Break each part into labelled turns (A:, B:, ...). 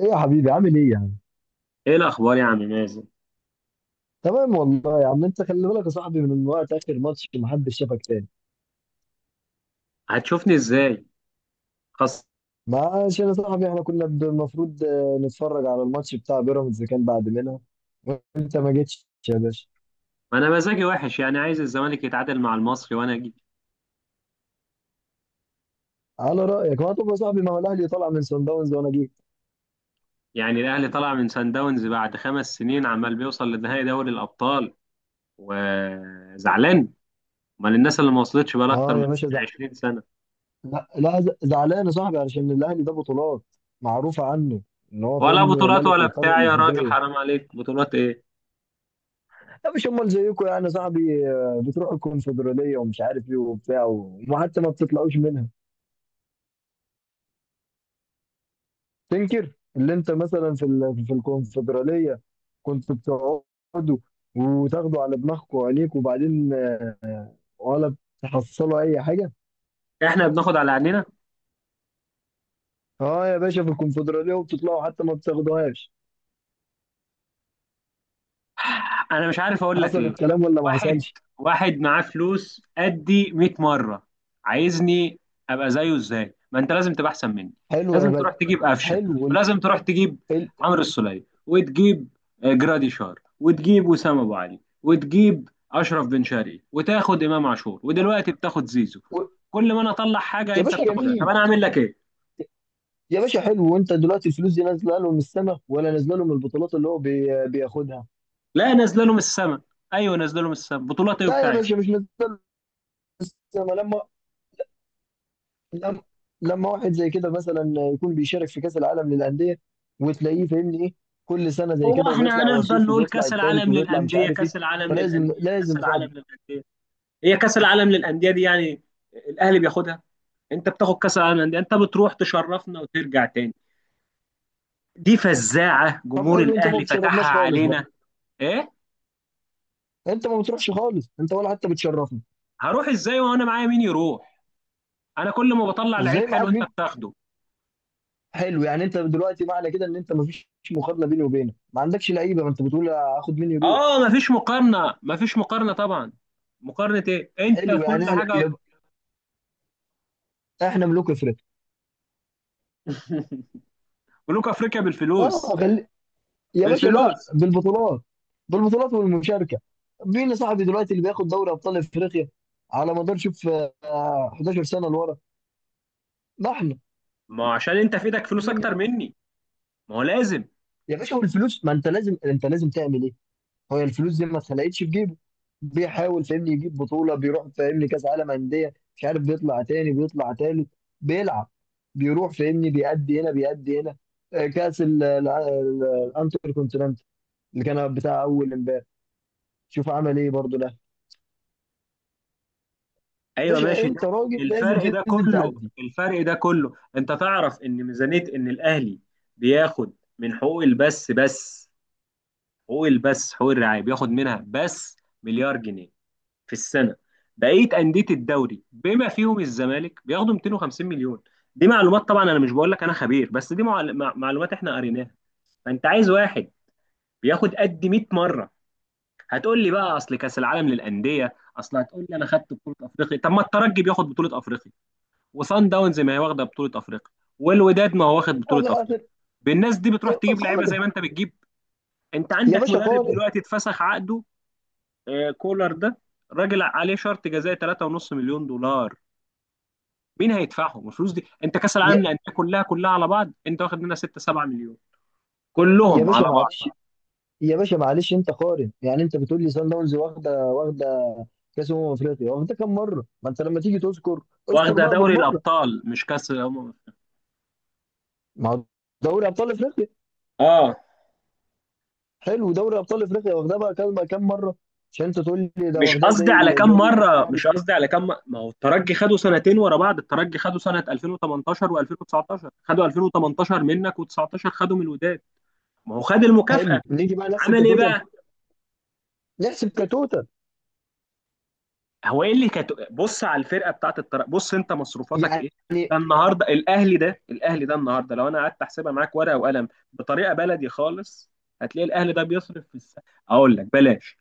A: ايه يا حبيبي عامل ايه يا عم؟
B: ايه الاخبار يا عم مازن؟
A: تمام والله يا عم. انت خلي بالك يا صاحبي من وقت اخر ماتش، ما حدش شافك تاني.
B: هتشوفني ازاي؟ خلاص.
A: ما عشان يا صاحبي احنا كنا المفروض نتفرج على الماتش بتاع بيراميدز اللي كان بعد منها، وانت ما جيتش يا باشا.
B: ما انا مزاجي وحش، يعني عايز الزمالك يتعادل مع المصري وانا اجي.
A: على رايك. ما طب يا صاحبي، ما هو الاهلي طالع من سان داونز وانا جيت.
B: يعني الاهلي طلع من سان داونز بعد 5 سنين عمال بيوصل لنهائي دوري الابطال، وزعلان؟ امال الناس اللي ما وصلتش بقى اكتر
A: اه
B: من
A: يا باشا
B: 20 سنه؟
A: لا لا زعلان يا صاحبي، علشان الاهلي ده بطولات معروفه عنه. ان هو
B: ولا
A: فاهمني
B: بطولات
A: ملك
B: ولا
A: القاره
B: بتاع، يا راجل
A: الافريقيه.
B: حرام عليك، بطولات ايه؟
A: لا مش امال زيكم يعني يا صاحبي، بتروحوا الكونفدراليه ومش عارف ايه وبتاع، وحتى ما بتطلعوش منها. تنكر اللي انت مثلا في في الكونفدراليه كنت بتقعدوا، وتاخدوا على دماغكم وعينيكم، وبعدين ولا تحصلوا اي حاجه.
B: احنا بناخد على عينينا.
A: اه يا باشا، في الكونفدراليه وبتطلعوا، حتى ما بتاخدوهاش.
B: انا مش عارف اقول لك
A: حصل
B: ايه.
A: الكلام ولا ما
B: واحد
A: حصلش؟
B: واحد معاه فلوس قدي 100 مره، عايزني ابقى زيه ازاي؟ ما انت لازم تبقى احسن مني.
A: حلو يا
B: لازم
A: باشا.
B: تروح تجيب قفشه،
A: حلو ال...
B: ولازم تروح تجيب
A: ال...
B: عمرو السولية، وتجيب جرادي شار، وتجيب وسام ابو علي، وتجيب اشرف بن شرقي، وتاخد امام عاشور، ودلوقتي بتاخد زيزو.
A: و...
B: كل ما انا اطلع حاجه
A: يا
B: انت
A: باشا
B: بتاخدها، طب
A: جميل.
B: انا اعمل لك ايه؟
A: يا باشا حلو. وانت دلوقتي الفلوس دي نازله له من السما، ولا نازله له من البطولات اللي هو بياخدها؟
B: لا، نازله له من السما. ايوه نازله له من السما، بطولات ايه
A: لا يا
B: بتاعي؟
A: باشا، مش نازله من السما. لما لما واحد زي كده مثلا يكون بيشارك في كأس العالم للأندية، وتلاقيه فاهمني ايه، كل سنة زي
B: هو
A: كده،
B: احنا
A: وبيطلع
B: هنفضل
A: وصيف،
B: نقول
A: وبيطلع
B: كأس
A: التالت،
B: العالم
A: وبيطلع مش
B: للأندية
A: عارف ايه.
B: كأس العالم للأندية كأس
A: لازم يا صاحبي.
B: العالم للأندية؟ هي كأس العالم للأندية دي يعني الأهلي بياخدها؟ انت بتاخد كأس العالم للأندية، انت بتروح تشرفنا وترجع تاني. دي فزاعة
A: طب
B: جمهور
A: حلو، انت ما
B: الأهلي فتحها
A: بتشرفناش خالص بقى.
B: علينا. ايه،
A: انت ما بتروحش خالص، انت ولا حتى بتشرفنا.
B: هروح ازاي وانا معايا مين يروح؟ انا كل ما بطلع لعيب
A: ازاي
B: حلو
A: معاك
B: انت
A: مين.
B: بتاخده.
A: حلو، يعني انت دلوقتي معنى كده ان انت ما فيش مقارنة بيني وبينك، ما عندكش لعيبة، ما انت بتقول هاخد مين يروح.
B: اه، مفيش مقارنة مفيش مقارنة طبعا. مقارنة ايه، انت
A: حلو يعني
B: كل
A: احنا
B: حاجة.
A: يبقى احنا ملوك افريقيا.
B: ملوك افريقيا بالفلوس.
A: اه يا باشا، لا
B: بالفلوس.
A: بالبطولات، بالبطولات والمشاركه. مين يا صاحبي دلوقتي اللي بياخد دوري ابطال افريقيا على مدار شوف 11 سنه لورا. ما احنا.
B: ما هو عشان انت في ايدك فلوس
A: مين
B: اكتر مني، ما هو لازم.
A: يا باشا، هو الفلوس؟ ما انت انت لازم تعمل ايه؟ هو الفلوس دي ما اتخلقتش في جيبه. بيحاول فاهمني يجيب بطوله، بيروح فاهمني كاس عالم انديه، مش عارف بيطلع تاني بيطلع تالت، بيلعب، بيروح فاهمني بيأدي هنا بيأدي هنا، كاس الانتر كونتيننت اللي كان بتاع اول امبارح. شوف عمل ايه برضه.
B: ايوه
A: باشا
B: ماشي ده.
A: انت راجل لازم
B: الفرق ده
A: تنزل
B: كله
A: تعدي.
B: الفرق ده كله، انت تعرف ان ميزانيه ان الاهلي بياخد من حقوق البث بس، حقوق البث حقوق الرعايه بياخد منها بس مليار جنيه في السنه. بقيه انديه الدوري بما فيهم الزمالك بياخدوا 250 مليون. دي معلومات طبعا، انا مش بقول لك انا خبير، بس دي معلومات احنا قريناها. فانت عايز واحد بياخد قد 100 مره. هتقول لي بقى اصل كاس العالم للانديه، اصل هتقول لي انا خدت بطوله افريقيا، طب ما الترجي بياخد بطوله افريقيا، وصن داونز ما هي واخده بطوله افريقيا، والوداد ما هو واخد بطوله
A: اخر
B: افريقيا
A: اخر.
B: بالناس دي بتروح تجيب لعيبه زي
A: قارن
B: ما انت بتجيب. انت
A: يا
B: عندك
A: باشا،
B: مدرب
A: قارن.
B: دلوقتي اتفسخ عقده، كولر ده، راجل عليه شرط جزائي 3.5 مليون دولار. مين هيدفعهم الفلوس دي؟ انت كاس العالم
A: يا,
B: للانديه كلها كلها على بعض انت واخد منها 6 7 مليون،
A: يا
B: كلهم على
A: باشا معلش،
B: بعض.
A: يا باشا معلش انت قارن. يعني انت بتقول لي سان داونز واخده واخده كاس افريقيا، واخده كام مره؟ ما انت لما تيجي تذكر، اذكر
B: واخده
A: بقى
B: دوري
A: بالمره.
B: الابطال مش كاس الامم.
A: ما هو دوري ابطال افريقيا.
B: اه،
A: حلو، دوري ابطال افريقيا واخدها بقى كام كام مره؟ عشان انت تقول لي ده
B: مش
A: واخدها
B: قصدي
A: زي
B: على كام
A: زي
B: مره،
A: الاهلي.
B: مش قصدي على ما هو الترجي خدوا سنتين ورا بعض، الترجي خدوا سنه 2018 و2019، خدوا 2018 منك و19 خدوا من الوداد. ما هو خد المكافاه.
A: حلو نيجي بقى نحسب
B: عمل ايه
A: كتوتال،
B: بقى؟
A: نحسب كتوتال
B: هو ايه اللي كانت، بص على الفرقه بتاعت الترجي، بص انت مصروفاتك
A: يعني.
B: ايه. ده النهارده الاهلي، ده الاهلي ده النهارده لو انا قعدت احسبها معاك ورقه وقلم بطريقه بلدي خالص، هتلاقي الاهلي ده بيصرف في السنه. اقول لك بلاش.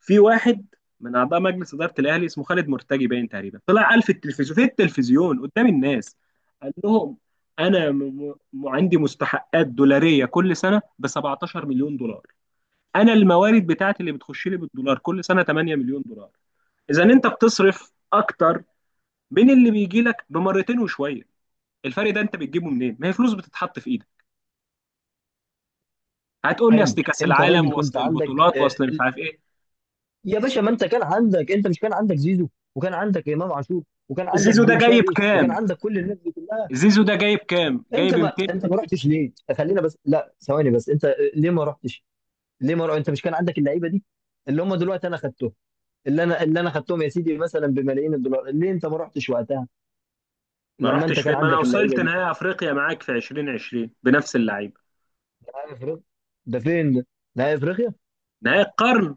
B: في واحد من اعضاء مجلس اداره الاهلي اسمه خالد مرتجي، باين تقريبا طلع قال في التلفزيون، في التلفزيون قدام الناس قال لهم انا عندي مستحقات دولاريه كل سنه ب 17 مليون دولار، انا الموارد بتاعتي اللي بتخش لي بالدولار كل سنه 8 مليون دولار. اذا انت بتصرف اكتر من اللي بيجي لك بمرتين وشويه، الفرق ده انت بتجيبه منين؟ ما هي فلوس بتتحط في ايدك. هتقول لي
A: حلو
B: اصل كاس
A: انت راجل،
B: العالم
A: كنت
B: واصل
A: عندك
B: البطولات واصل مش عارف ايه.
A: يا باشا. ما انت كان عندك، انت مش كان عندك زيزو، وكان عندك امام عاشور، وكان عندك
B: زيزو ده
A: بن
B: جايب
A: شرقي،
B: كام؟
A: وكان عندك كل الناس دي كلها.
B: زيزو ده جايب كام،
A: انت
B: جايب
A: ما
B: 200.
A: رحتش ليه؟ خلينا بس، لا ثواني بس. انت ليه ما رحتش؟ ليه ما رحتش؟ انت مش كان عندك اللعيبه دي اللي هم دلوقتي انا خدتهم؟ اللي انا خدتهم يا سيدي مثلا بملايين الدولار. ليه انت ما رحتش وقتها
B: ما
A: لما انت
B: رحتش فين،
A: كان
B: ما انا
A: عندك اللعيبه
B: وصلت
A: دي؟
B: نهائي افريقيا معاك في 2020 بنفس اللعيبه.
A: نهائي افريقيا؟ ده فين ده؟ نهائي افريقيا؟
B: نهائي القرن،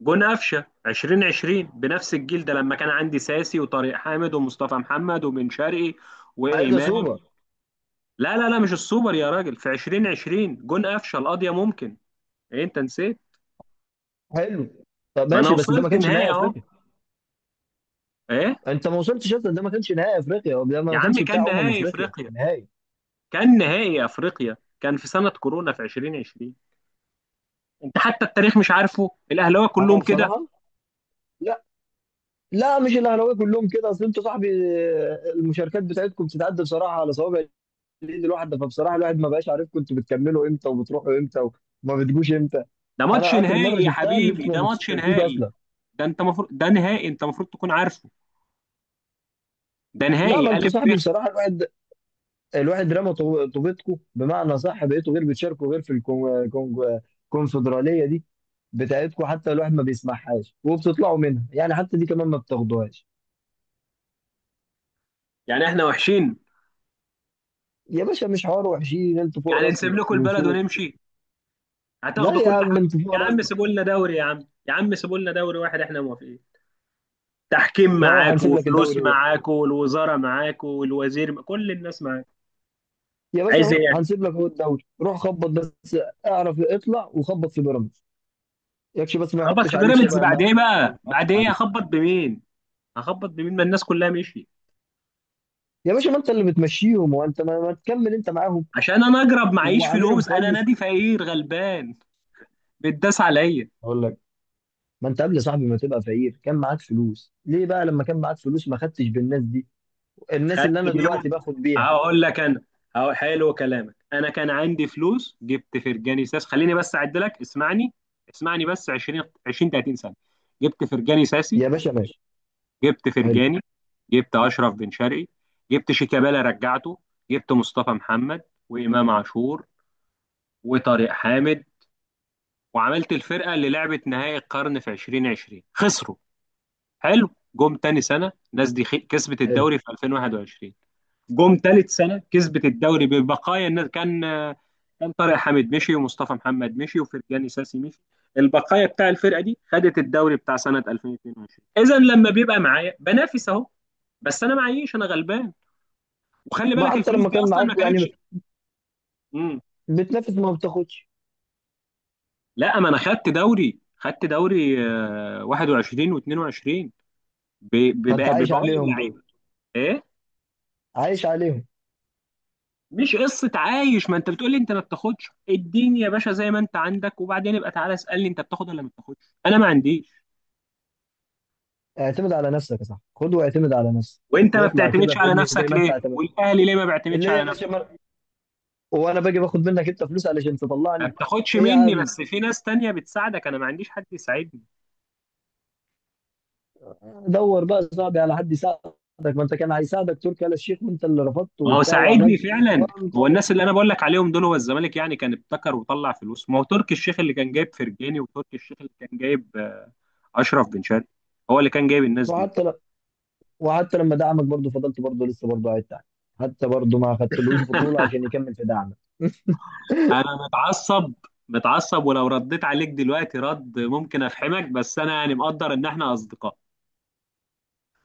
B: جون قفشه 2020، بنفس الجيل ده، لما كان عندي ساسي وطارق حامد ومصطفى محمد وبن شرقي
A: ايه ده
B: وامام.
A: سوبر؟
B: لا لا لا مش السوبر يا راجل، في 2020 جون قفشه القضيه ممكن، ايه انت نسيت؟
A: حلو. طب
B: ما انا
A: ماشي، بس ده ما
B: وصلت
A: كانش
B: نهائي
A: نهائي
B: اهو.
A: افريقيا.
B: ايه
A: انت ما وصلتش اصلا. ده ما كانش نهائي افريقيا، ده
B: يا
A: ما
B: عم،
A: كانش
B: كان
A: بتاع
B: نهائي
A: افريقيا
B: افريقيا،
A: النهائي.
B: كان نهائي افريقيا، كان في سنه كورونا في 2020. انت حتى التاريخ مش عارفه، الاهلاويه
A: انا
B: كلهم كده.
A: بصراحه، لا، لا مش الاهلاويه كلهم كده. اصل انتوا صاحبي المشاركات بتاعتكم بتتعدى بصراحه على صوابع الايد الواحده، فبصراحه الواحد ما بقاش عارفكم انتوا بتكملوا امتى، وبتروحوا امتى، وما بتجوش امتى.
B: ده ماتش
A: انا اخر مره
B: نهائي يا
A: شفتها ان
B: حبيبي،
A: انتوا
B: ده
A: ما
B: ماتش
A: بتشاركوش
B: نهائي.
A: اصلا.
B: ده انت مفروض، ده نهائي، انت المفروض تكون عارفه. ده
A: لا ما
B: نهائي
A: انتوا
B: الف ب.
A: صاحبي بصراحه، الواحد، الواحد رمى طوبتكم بمعنى صح. بقيتوا غير بتشاركوا غير في الكونفدراليه دي بتاعتكم، حتى الواحد ما بيسمعهاش، وبتطلعوا منها يعني، حتى دي كمان ما بتاخدوهاش.
B: يعني احنا وحشين؟
A: يا باشا مش حوار وحشين، انتوا فوق
B: يعني نسيب
A: راسنا
B: لكم
A: من
B: البلد
A: فوق.
B: ونمشي؟
A: لا
B: هتاخدوا
A: يا
B: كل
A: عم
B: حاجه.
A: انت فيه
B: يا عم
A: نازله.
B: سيبوا لنا دوري، يا عم. يا عم سيبوا لنا دوري واحد، احنا موافقين. تحكيم
A: اهو
B: معاك،
A: هنسيب لك
B: وفلوس
A: الدوري ده،
B: معاك، والوزاره معاك، والوزير كل الناس معاك.
A: يا باشا
B: عايز ايه
A: اهو
B: يعني؟
A: هنسيب لك اهو الدوري، روح خبط بس. اعرف اطلع وخبط في بيراميدز، يكفي بس ما
B: اخبط
A: يحطش
B: في
A: عليك
B: بيراميدز
A: شبه ما
B: بعد ايه
A: احنا
B: بقى؟
A: بنحط
B: بعد ايه
A: عليك.
B: اخبط بمين؟ اخبط بمين ما الناس كلها مشيت.
A: يا باشا ما انت اللي بتمشيهم، وانت ما تكمل انت معاهم
B: عشان انا اجرب معيش
A: وعاملهم
B: فلوس، انا
A: كويس.
B: نادي فقير غلبان بتداس عليا.
A: اقول لك، ما انت قبل يا صاحبي ما تبقى فقير كان معاك فلوس، ليه بقى لما كان معاك فلوس ما خدتش بالناس دي، الناس اللي
B: خدت
A: انا دلوقتي
B: بيهم،
A: باخد بيها؟
B: هقول لك انا، هقول حلو كلامك. انا كان عندي فلوس جبت فرجاني ساس، خليني بس اعد لك، اسمعني اسمعني بس. 20 20 30 سنه. جبت فرجاني ساسي،
A: يا باشا ماشي.
B: جبت
A: حلو،
B: فرجاني، جبت اشرف بن شرقي، جبت شيكابالا رجعته، جبت مصطفى محمد وامام عاشور وطارق حامد، وعملت الفرقه اللي لعبت نهائي القرن في 2020 خسروا. حلو. جم تاني سنه الناس دي كسبت
A: حلو.
B: الدوري في 2021. جم ثالث سنه كسبت الدوري ببقايا الناس، كان طارق حامد مشي، ومصطفى محمد مشي، وفرجاني ساسي مشي. البقايا بتاع الفرقه دي خدت الدوري بتاع سنه 2022. اذا لما بيبقى معايا بنافس اهو، بس انا معيش، انا غلبان. وخلي
A: ما
B: بالك
A: حتى
B: الفلوس
A: لما
B: دي
A: كان
B: اصلا
A: معاك
B: ما
A: يعني
B: كانتش. مم.
A: بتنافس ما بتاخدش.
B: لا، ما انا خدت دوري، خدت دوري 21 و22
A: فانت عايش
B: ببواقي
A: عليهم دول،
B: اللعيبه. ايه،
A: عايش عليهم.
B: مش قصة عايش، ما انت بتقولي انت ما بتاخدش، اديني يا باشا زي ما انت عندك وبعدين ابقى تعالى اسألني انت بتاخد ولا ما بتاخدش. انا ما عنديش.
A: اعتمد على نفسك يا صاحبي، خد واعتمد على نفسك.
B: وانت ما
A: واطلع
B: بتعتمدش
A: كده
B: على
A: فاهمني
B: نفسك
A: زي ما انت
B: ليه،
A: اعتمد،
B: والاهلي ليه ما بيعتمدش
A: اللي هي
B: على
A: يا باشا
B: نفسه؟
A: وانا باجي باخد منك انت فلوس علشان
B: ما
A: تطلعني.
B: بتاخدش
A: ايه يا
B: مني،
A: عم.
B: بس في ناس تانية بتساعدك، انا ما عنديش حد يساعدني.
A: دور بقى يا صاحبي على حد يساعدك. ما انت كان هيساعدك تركي آل الشيخ وانت اللي رفضته
B: ما هو
A: وبتاع،
B: ساعدني
A: وعملت
B: فعلا.
A: وقام
B: هو
A: طالع.
B: الناس اللي انا بقول لك عليهم دول هو الزمالك يعني كان ابتكر وطلع فلوس؟ ما هو تركي الشيخ اللي كان جايب فرجاني، وتركي الشيخ اللي كان جايب اشرف بن شرقي، هو اللي كان جايب الناس دي.
A: وحتى ل... وحتى لما دعمك برضه، فضلت برضه لسه برضه قاعد تحت، حتى برضه ما خدتلوش بطولة عشان يكمل في دعمك.
B: انا متعصب، متعصب، ولو رديت عليك دلوقتي رد ممكن افحمك، بس انا يعني مقدر ان احنا اصدقاء.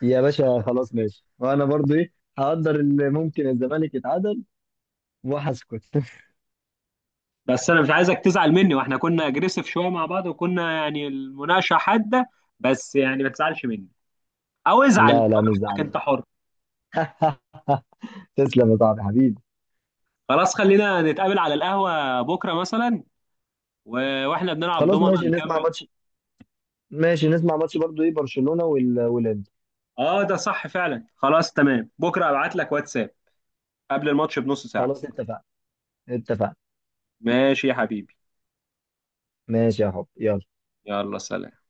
A: يا باشا خلاص ماشي، وانا برضه ايه هقدر؟ اللي ممكن الزمالك يتعادل وهسكت.
B: بس انا مش عايزك تزعل مني، واحنا كنا اجريسيف شويه مع بعض، وكنا يعني المناقشه حاده، بس يعني ما تزعلش مني، او ازعل
A: لا لا مش
B: براحتك
A: زعلان.
B: انت حر.
A: تسلم يا صاحبي حبيبي.
B: خلاص، خلينا نتقابل على القهوه بكره مثلا، واحنا بنلعب
A: خلاص
B: دومنا
A: ماشي نسمع
B: نكمل.
A: ماتش، ماشي نسمع ماتش برضو ايه برشلونة والانتر.
B: اه، ده صح فعلا، خلاص تمام، بكره ابعت لك واتساب قبل الماتش بنص ساعه.
A: خلاص اتفقنا، اتفقنا.
B: ماشي يا حبيبي،
A: ماشي يا حب يلا.
B: يلا سلام.